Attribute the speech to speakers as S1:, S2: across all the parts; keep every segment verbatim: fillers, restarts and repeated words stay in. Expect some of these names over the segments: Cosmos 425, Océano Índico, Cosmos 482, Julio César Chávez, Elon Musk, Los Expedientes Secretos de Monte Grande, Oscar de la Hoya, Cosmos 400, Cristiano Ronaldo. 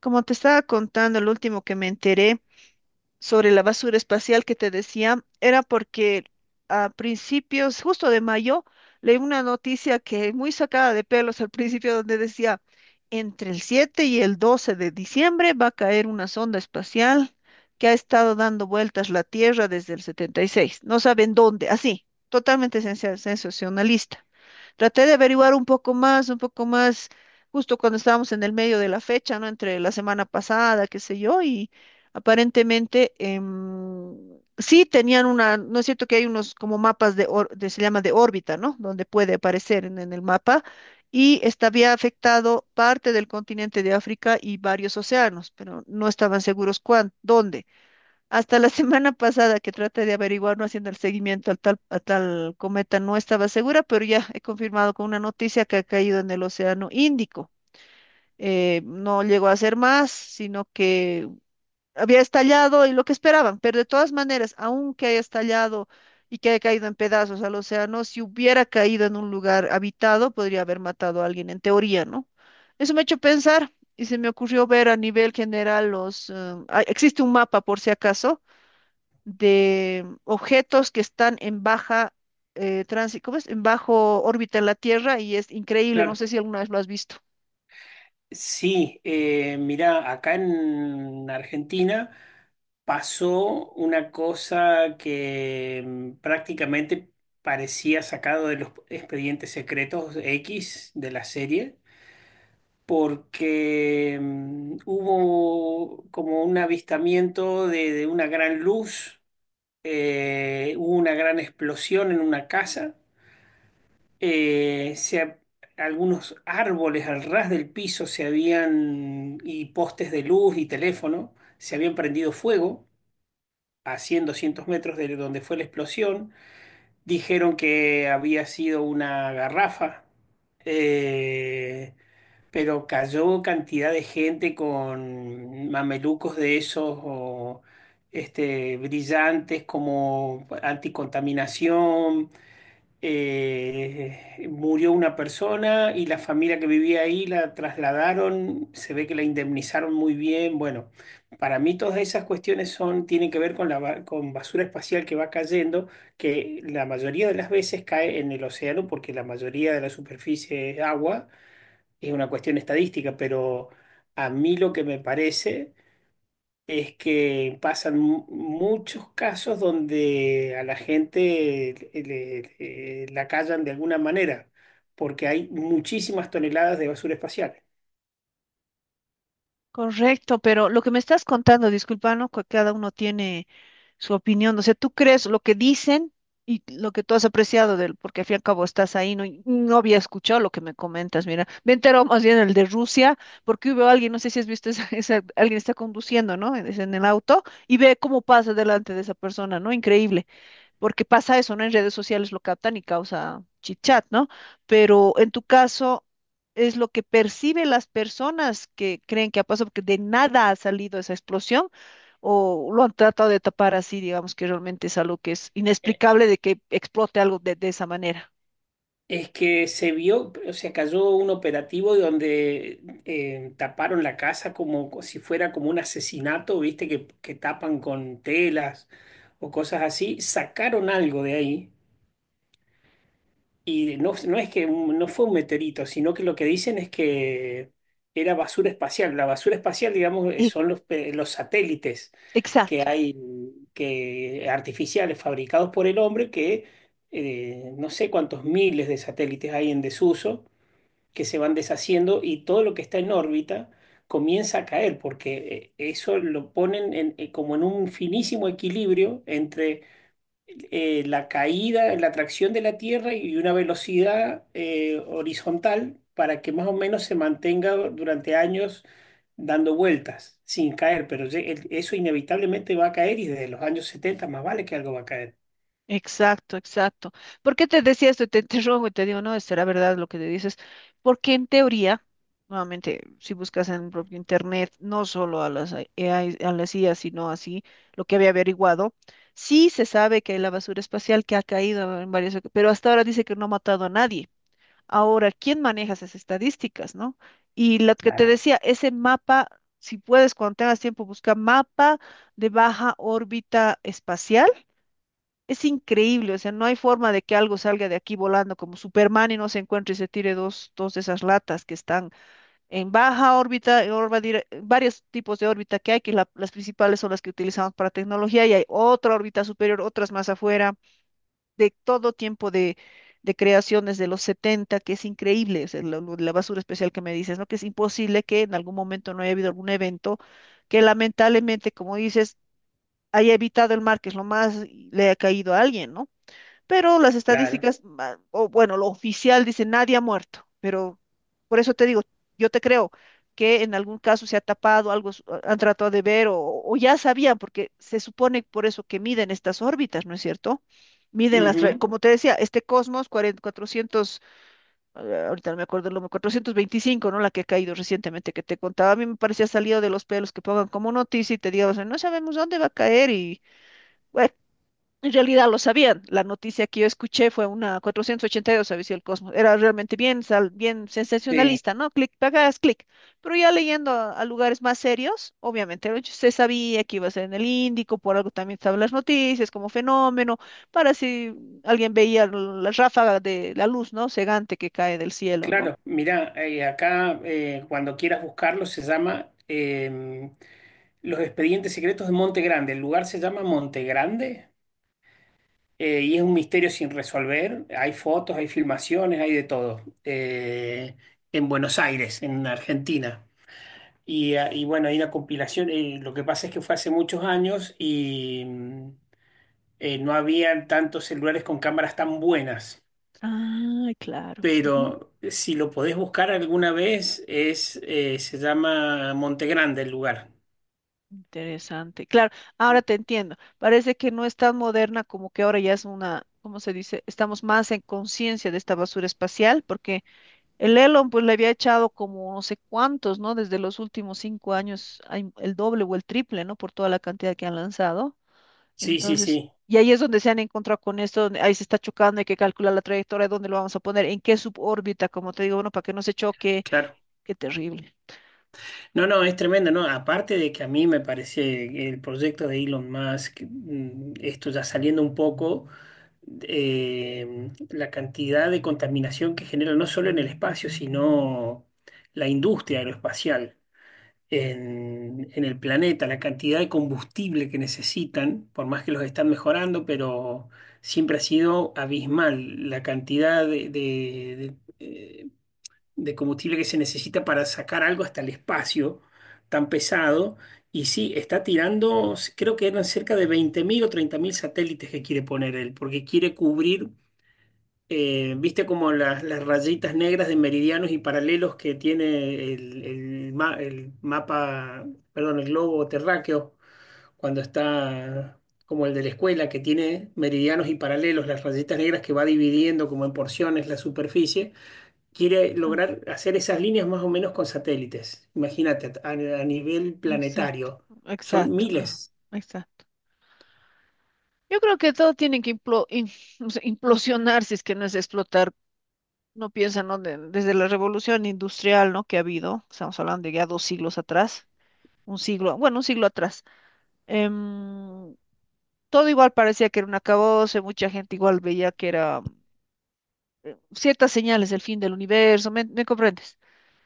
S1: Como te estaba contando, el último que me enteré sobre la basura espacial que te decía era porque a principios, justo de mayo, leí una noticia que muy sacada de pelos al principio donde decía, entre el siete y el doce de diciembre va a caer una sonda espacial que ha estado dando vueltas la Tierra desde el setenta y seis. No saben dónde, así, totalmente sensa- sensacionalista. Traté de averiguar un poco más, un poco más, justo cuando estábamos en el medio de la fecha, ¿no? Entre la semana pasada, qué sé yo, y aparentemente em, sí tenían una. ¿No es cierto que hay unos como mapas de, or- de- se llama, de órbita, ¿no? Donde puede aparecer en, en el mapa, y esta había afectado parte del continente de África y varios océanos, pero no estaban seguros cuán, dónde. Hasta la semana pasada que traté de averiguar, no haciendo el seguimiento al tal, a tal cometa, no estaba segura, pero ya he confirmado con una noticia que ha caído en el Océano Índico. Eh, no llegó a ser más, sino que había estallado y lo que esperaban, pero de todas maneras, aunque haya estallado y que haya caído en pedazos al océano, si hubiera caído en un lugar habitado, podría haber matado a alguien, en teoría, ¿no? Eso me ha hecho pensar y se me ocurrió ver a nivel general los eh, ah, existe un mapa por si acaso de objetos que están en baja eh, tránsito, ¿cómo es? En bajo órbita en la Tierra, y es increíble, no
S2: Claro.
S1: sé si alguna vez lo has visto.
S2: Sí, eh, mirá, acá en Argentina pasó una cosa que mm, prácticamente parecía sacado de los Expedientes Secretos X de la serie, porque mm, hubo como un avistamiento de, de una gran luz. Eh, hubo una gran explosión en una casa. Eh, se ha- algunos árboles al ras del piso se habían, y postes de luz y teléfono, se habían prendido fuego a cien doscientos metros de donde fue la explosión. Dijeron que había sido una garrafa, eh, pero cayó cantidad de gente con mamelucos de esos o, este, brillantes como anticontaminación. Eh, murió una persona, y la familia que vivía ahí la trasladaron, se ve que la indemnizaron muy bien. Bueno, para mí todas esas cuestiones son, tienen que ver con la, ba- con basura espacial que va cayendo, que la mayoría de las veces cae en el océano porque la mayoría de la superficie es agua. Es una cuestión estadística, pero a mí lo que me parece es que pasan mu- muchos casos donde a la gente le- le- eh, la callan de alguna manera, porque hay muchísimas toneladas de basura espacial.
S1: Correcto, pero lo que me estás contando, disculpa, ¿no? Que cada uno tiene su opinión, o sea, tú crees lo que dicen y lo que tú has apreciado del, porque al fin y al cabo estás ahí, no, y no había escuchado lo que me comentas, mira, me enteró más bien el de Rusia, porque hubo alguien, no sé si has visto, esa, esa- alguien está conduciendo, ¿no? Es en el auto y ve cómo pasa delante de esa persona, ¿no? Increíble, porque pasa eso, ¿no? En redes sociales lo captan y causa chitchat, ¿no? Pero en tu caso es lo que perciben las personas que creen que ha pasado, porque de nada ha salido esa explosión, o lo han tratado de tapar así, digamos que realmente es algo que es
S2: Eh,
S1: inexplicable, de que explote algo de, de esa manera.
S2: Es que se vio, o sea, cayó un operativo donde eh, taparon la casa como co- si fuera como un asesinato, viste, que, que tapan con telas o cosas así, sacaron algo de ahí. Y no, no es que un- no fue un meteorito, sino que lo que dicen es que era basura espacial. La basura espacial, digamos, eh,
S1: E-
S2: son los, pe- los satélites que
S1: exacto.
S2: hay, que artificiales fabricados por el hombre, que eh, no sé cuántos miles de satélites hay en desuso, que se van deshaciendo, y todo lo que está en órbita comienza a caer, porque eh, eso lo ponen en- eh, como en un finísimo equilibrio entre eh, la caída, la tracción de la Tierra y una velocidad eh, horizontal, para que más o menos se mantenga durante años dando vueltas sin caer, pero ye- el- eso inevitablemente va a caer, y desde los años setenta más vale que algo va a caer.
S1: Exacto, exacto. ¿Por qué te decía esto? Y te interrogo y te digo, no, será verdad lo que te dices. Porque en teoría, nuevamente, si buscas en el propio internet, no solo a las A I, a las I A, sino así, lo que había averiguado, sí se sabe que hay la basura espacial que ha caído en varias oca- pero hasta ahora dice que no ha matado a nadie. Ahora, ¿quién maneja esas estadísticas, no? Y lo que te
S2: Claro,
S1: decía, ese mapa, si puedes, cuando tengas tiempo, busca mapa de baja órbita espacial, es increíble, o sea, no hay forma de que algo salga de aquí volando como Superman y no se encuentre y se tire dos, dos de esas latas que están en baja órbita, en orba dire- varios tipos de órbita que hay, que la- las principales son las que utilizamos para tecnología, y hay otra órbita superior, otras más afuera, de todo tiempo de, de creaciones de los setenta, que es increíble. O sea, lo- lo de la basura especial que me dices, ¿no? Que es imposible que en algún momento no haya habido algún evento que lamentablemente, como dices, haya evitado el mar, que es lo más, le ha caído a alguien, ¿no? Pero las
S2: claro.
S1: estadísticas, ah, o bueno, lo oficial dice nadie ha muerto, pero por eso te digo, yo te creo que en algún caso se ha tapado, algo s- ah, han tratado de ver, o, o ya sabían, porque se supone por eso que miden estas órbitas, ¿no es cierto? Miden las, tra-
S2: Ujú.
S1: como te decía, este Cosmos cuarenta, cuatrocientos, eh, ahorita no me acuerdo el número, cuatrocientos veinticinco, ¿no? La que ha caído recientemente que te contaba, a mí me parecía salido de los pelos que pongan como noticia y te digan, no sabemos dónde va a caer, y en realidad lo sabían. La noticia que yo escuché fue una cuatrocientos ochenta y dos, aviso del Cosmos. Era realmente bien, sal- bien
S2: Sí,
S1: sensacionalista, ¿no? Clic, pagas, clic. Pero ya leyendo a, a lugares más serios, obviamente, ¿no? Se sabía que iba a ser en el Índico, por algo también estaban las noticias como fenómeno, para si alguien veía la ráfaga de la luz, ¿no? Cegante, que cae del cielo, ¿no?
S2: claro. Mira, acá, eh, cuando quieras buscarlo, se llama, em, Los Expedientes Secretos de Monte Grande. El lugar se llama Monte Grande. Eh, y es un misterio sin resolver. Hay fotos, hay filmaciones, hay de todo. Eh, en Buenos Aires, en Argentina. Y, ah, y bueno, hay una compilación. eh, lo que pasa es que fue hace muchos años, y mm, eh, no habían tantos celulares con cámaras tan buenas.
S1: Ay, claro.
S2: Pero eh, si lo podés buscar alguna vez, es, eh, se llama Monte Grande el lugar.
S1: Interesante. Claro, ahora te entiendo. Parece que no es tan moderna, como que ahora ya es una, ¿cómo se dice? Estamos más en conciencia de esta basura espacial, porque el Elon pues le había echado como no sé cuántos, ¿no? Desde los últimos cinco años hay el doble o el triple, ¿no? Por toda la cantidad que han lanzado.
S2: Sí, sí,
S1: Entonces,
S2: sí,
S1: y ahí es donde se han encontrado con esto, donde ahí se está chocando, hay que calcular la trayectoria, dónde lo vamos a poner, en qué subórbita, como te digo, bueno, para que no se choque.
S2: claro.
S1: Qué terrible.
S2: No, no, es tremendo, ¿no? Aparte de que a mí me parece el proyecto de Elon Musk, mm, esto ya saliendo un poco, eh, la cantidad de contaminación que genera no solo en el espacio, sino la industria aeroespacial en, en el planeta, la cantidad de combustible que necesitan, por más que los están mejorando, pero siempre ha sido abismal la cantidad de, de- de, eh, de combustible que se necesita para sacar algo hasta el espacio tan pesado. Y sí, está tirando, creo que eran cerca de veinte mil o treinta mil satélites que quiere poner él, porque quiere cubrir, eh, viste como las, las rayitas negras de meridianos y paralelos que tiene el, el ma- el mapa, perdón, el globo terráqueo, cuando está como el de la escuela, que tiene meridianos y paralelos, las rayitas negras que va dividiendo como en porciones la superficie. Quiere
S1: Ah,
S2: lograr hacer esas líneas más o menos con satélites. Imagínate, a, a nivel
S1: exacto,
S2: planetario. Son
S1: exacto, ah,
S2: miles.
S1: exacto. Yo creo que todo tiene que implo- in- no sé, implosionar, si es que no es explotar. No piensa, ¿no? De- desde la revolución industrial, ¿no? Que ha habido, estamos hablando de ya dos siglos atrás, un siglo, bueno, un siglo atrás. em, Todo igual parecía que era un acabose, mucha gente igual veía que era ciertas señales del fin del universo. ¿Me, me comprendes?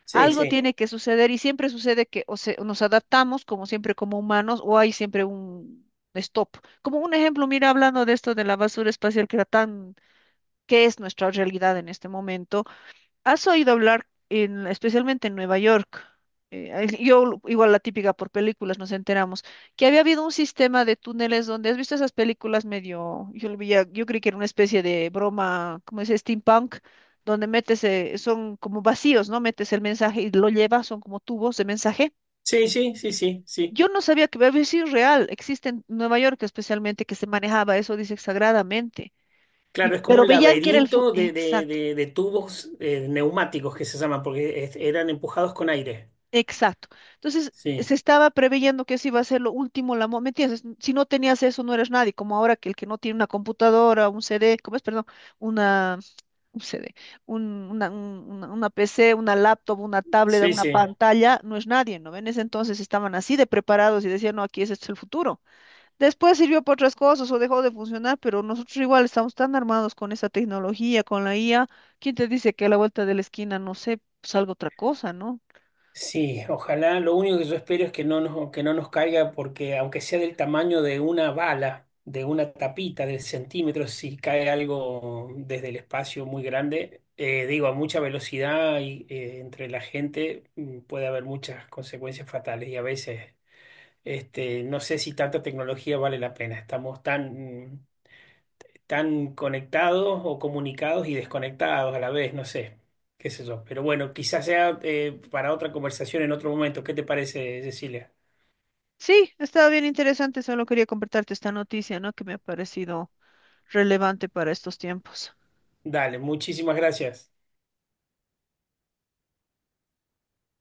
S2: Sí,
S1: Algo
S2: sí.
S1: tiene que suceder, y siempre sucede que o se- nos adaptamos, como siempre, como humanos, o hay siempre un stop. Como un ejemplo, mira, hablando de esto de la basura espacial que era tan, qué es nuestra realidad en este momento. ¿Has oído hablar en- especialmente en Nueva York? eh, ahí- yo, igual la típica por películas, nos enteramos, que había habido un sistema de túneles, donde has visto esas películas medio, yo, lo veía- yo creí que era una especie de broma, como dice, steampunk, donde metes, eh, son como vacíos, ¿no? Metes el mensaje y lo llevas, son como tubos de mensaje.
S2: Sí, sí, sí, sí, sí.
S1: Yo no sabía que había sido real, existe en Nueva York, especialmente, que se manejaba eso, dice, sagradamente. Y,
S2: Claro, es como
S1: pero
S2: un
S1: veían que era el futuro.
S2: laberinto de, de- de- de tubos eh, neumáticos que se llaman, porque es- eran empujados con aire.
S1: Exacto. Entonces, se
S2: Sí,
S1: estaba preveyendo que eso iba a ser lo último, la, mo- ¿me entiendes? Si no tenías eso, no eres nadie, como ahora, que el que no tiene una computadora, un C D, ¿cómo es? Perdón, una, un C D, un- una, un- una- una P C, una laptop, una tablet,
S2: sí,
S1: una
S2: sí.
S1: pantalla, no es nadie, ¿no? En ese entonces estaban así de preparados y decían, no, aquí es, este es el futuro. Después sirvió para otras cosas o dejó de funcionar, pero nosotros igual estamos tan armados con esa tecnología, con la I A. ¿Quién te dice que a la vuelta de la esquina, no sé, salga otra cosa, ¿no?
S2: Sí, ojalá. Lo único que yo espero es que no nos, que no nos caiga, porque aunque sea del tamaño de una bala, de una tapita de centímetros, si cae algo desde el espacio muy grande, eh, digo, a mucha velocidad, y eh, entre la gente, mm, puede haber muchas consecuencias fatales. Y a veces, este, no sé si tanta tecnología vale la pena. Estamos tan, mm, tan conectados o comunicados y desconectados a la vez, no sé, qué sé yo. Pero bueno, quizás sea eh, para otra conversación en otro momento. ¿Qué te parece, Cecilia?
S1: Sí, ha estado bien interesante, solo quería compartirte esta noticia, ¿no? Que me ha parecido relevante para estos tiempos.
S2: Dale, muchísimas gracias.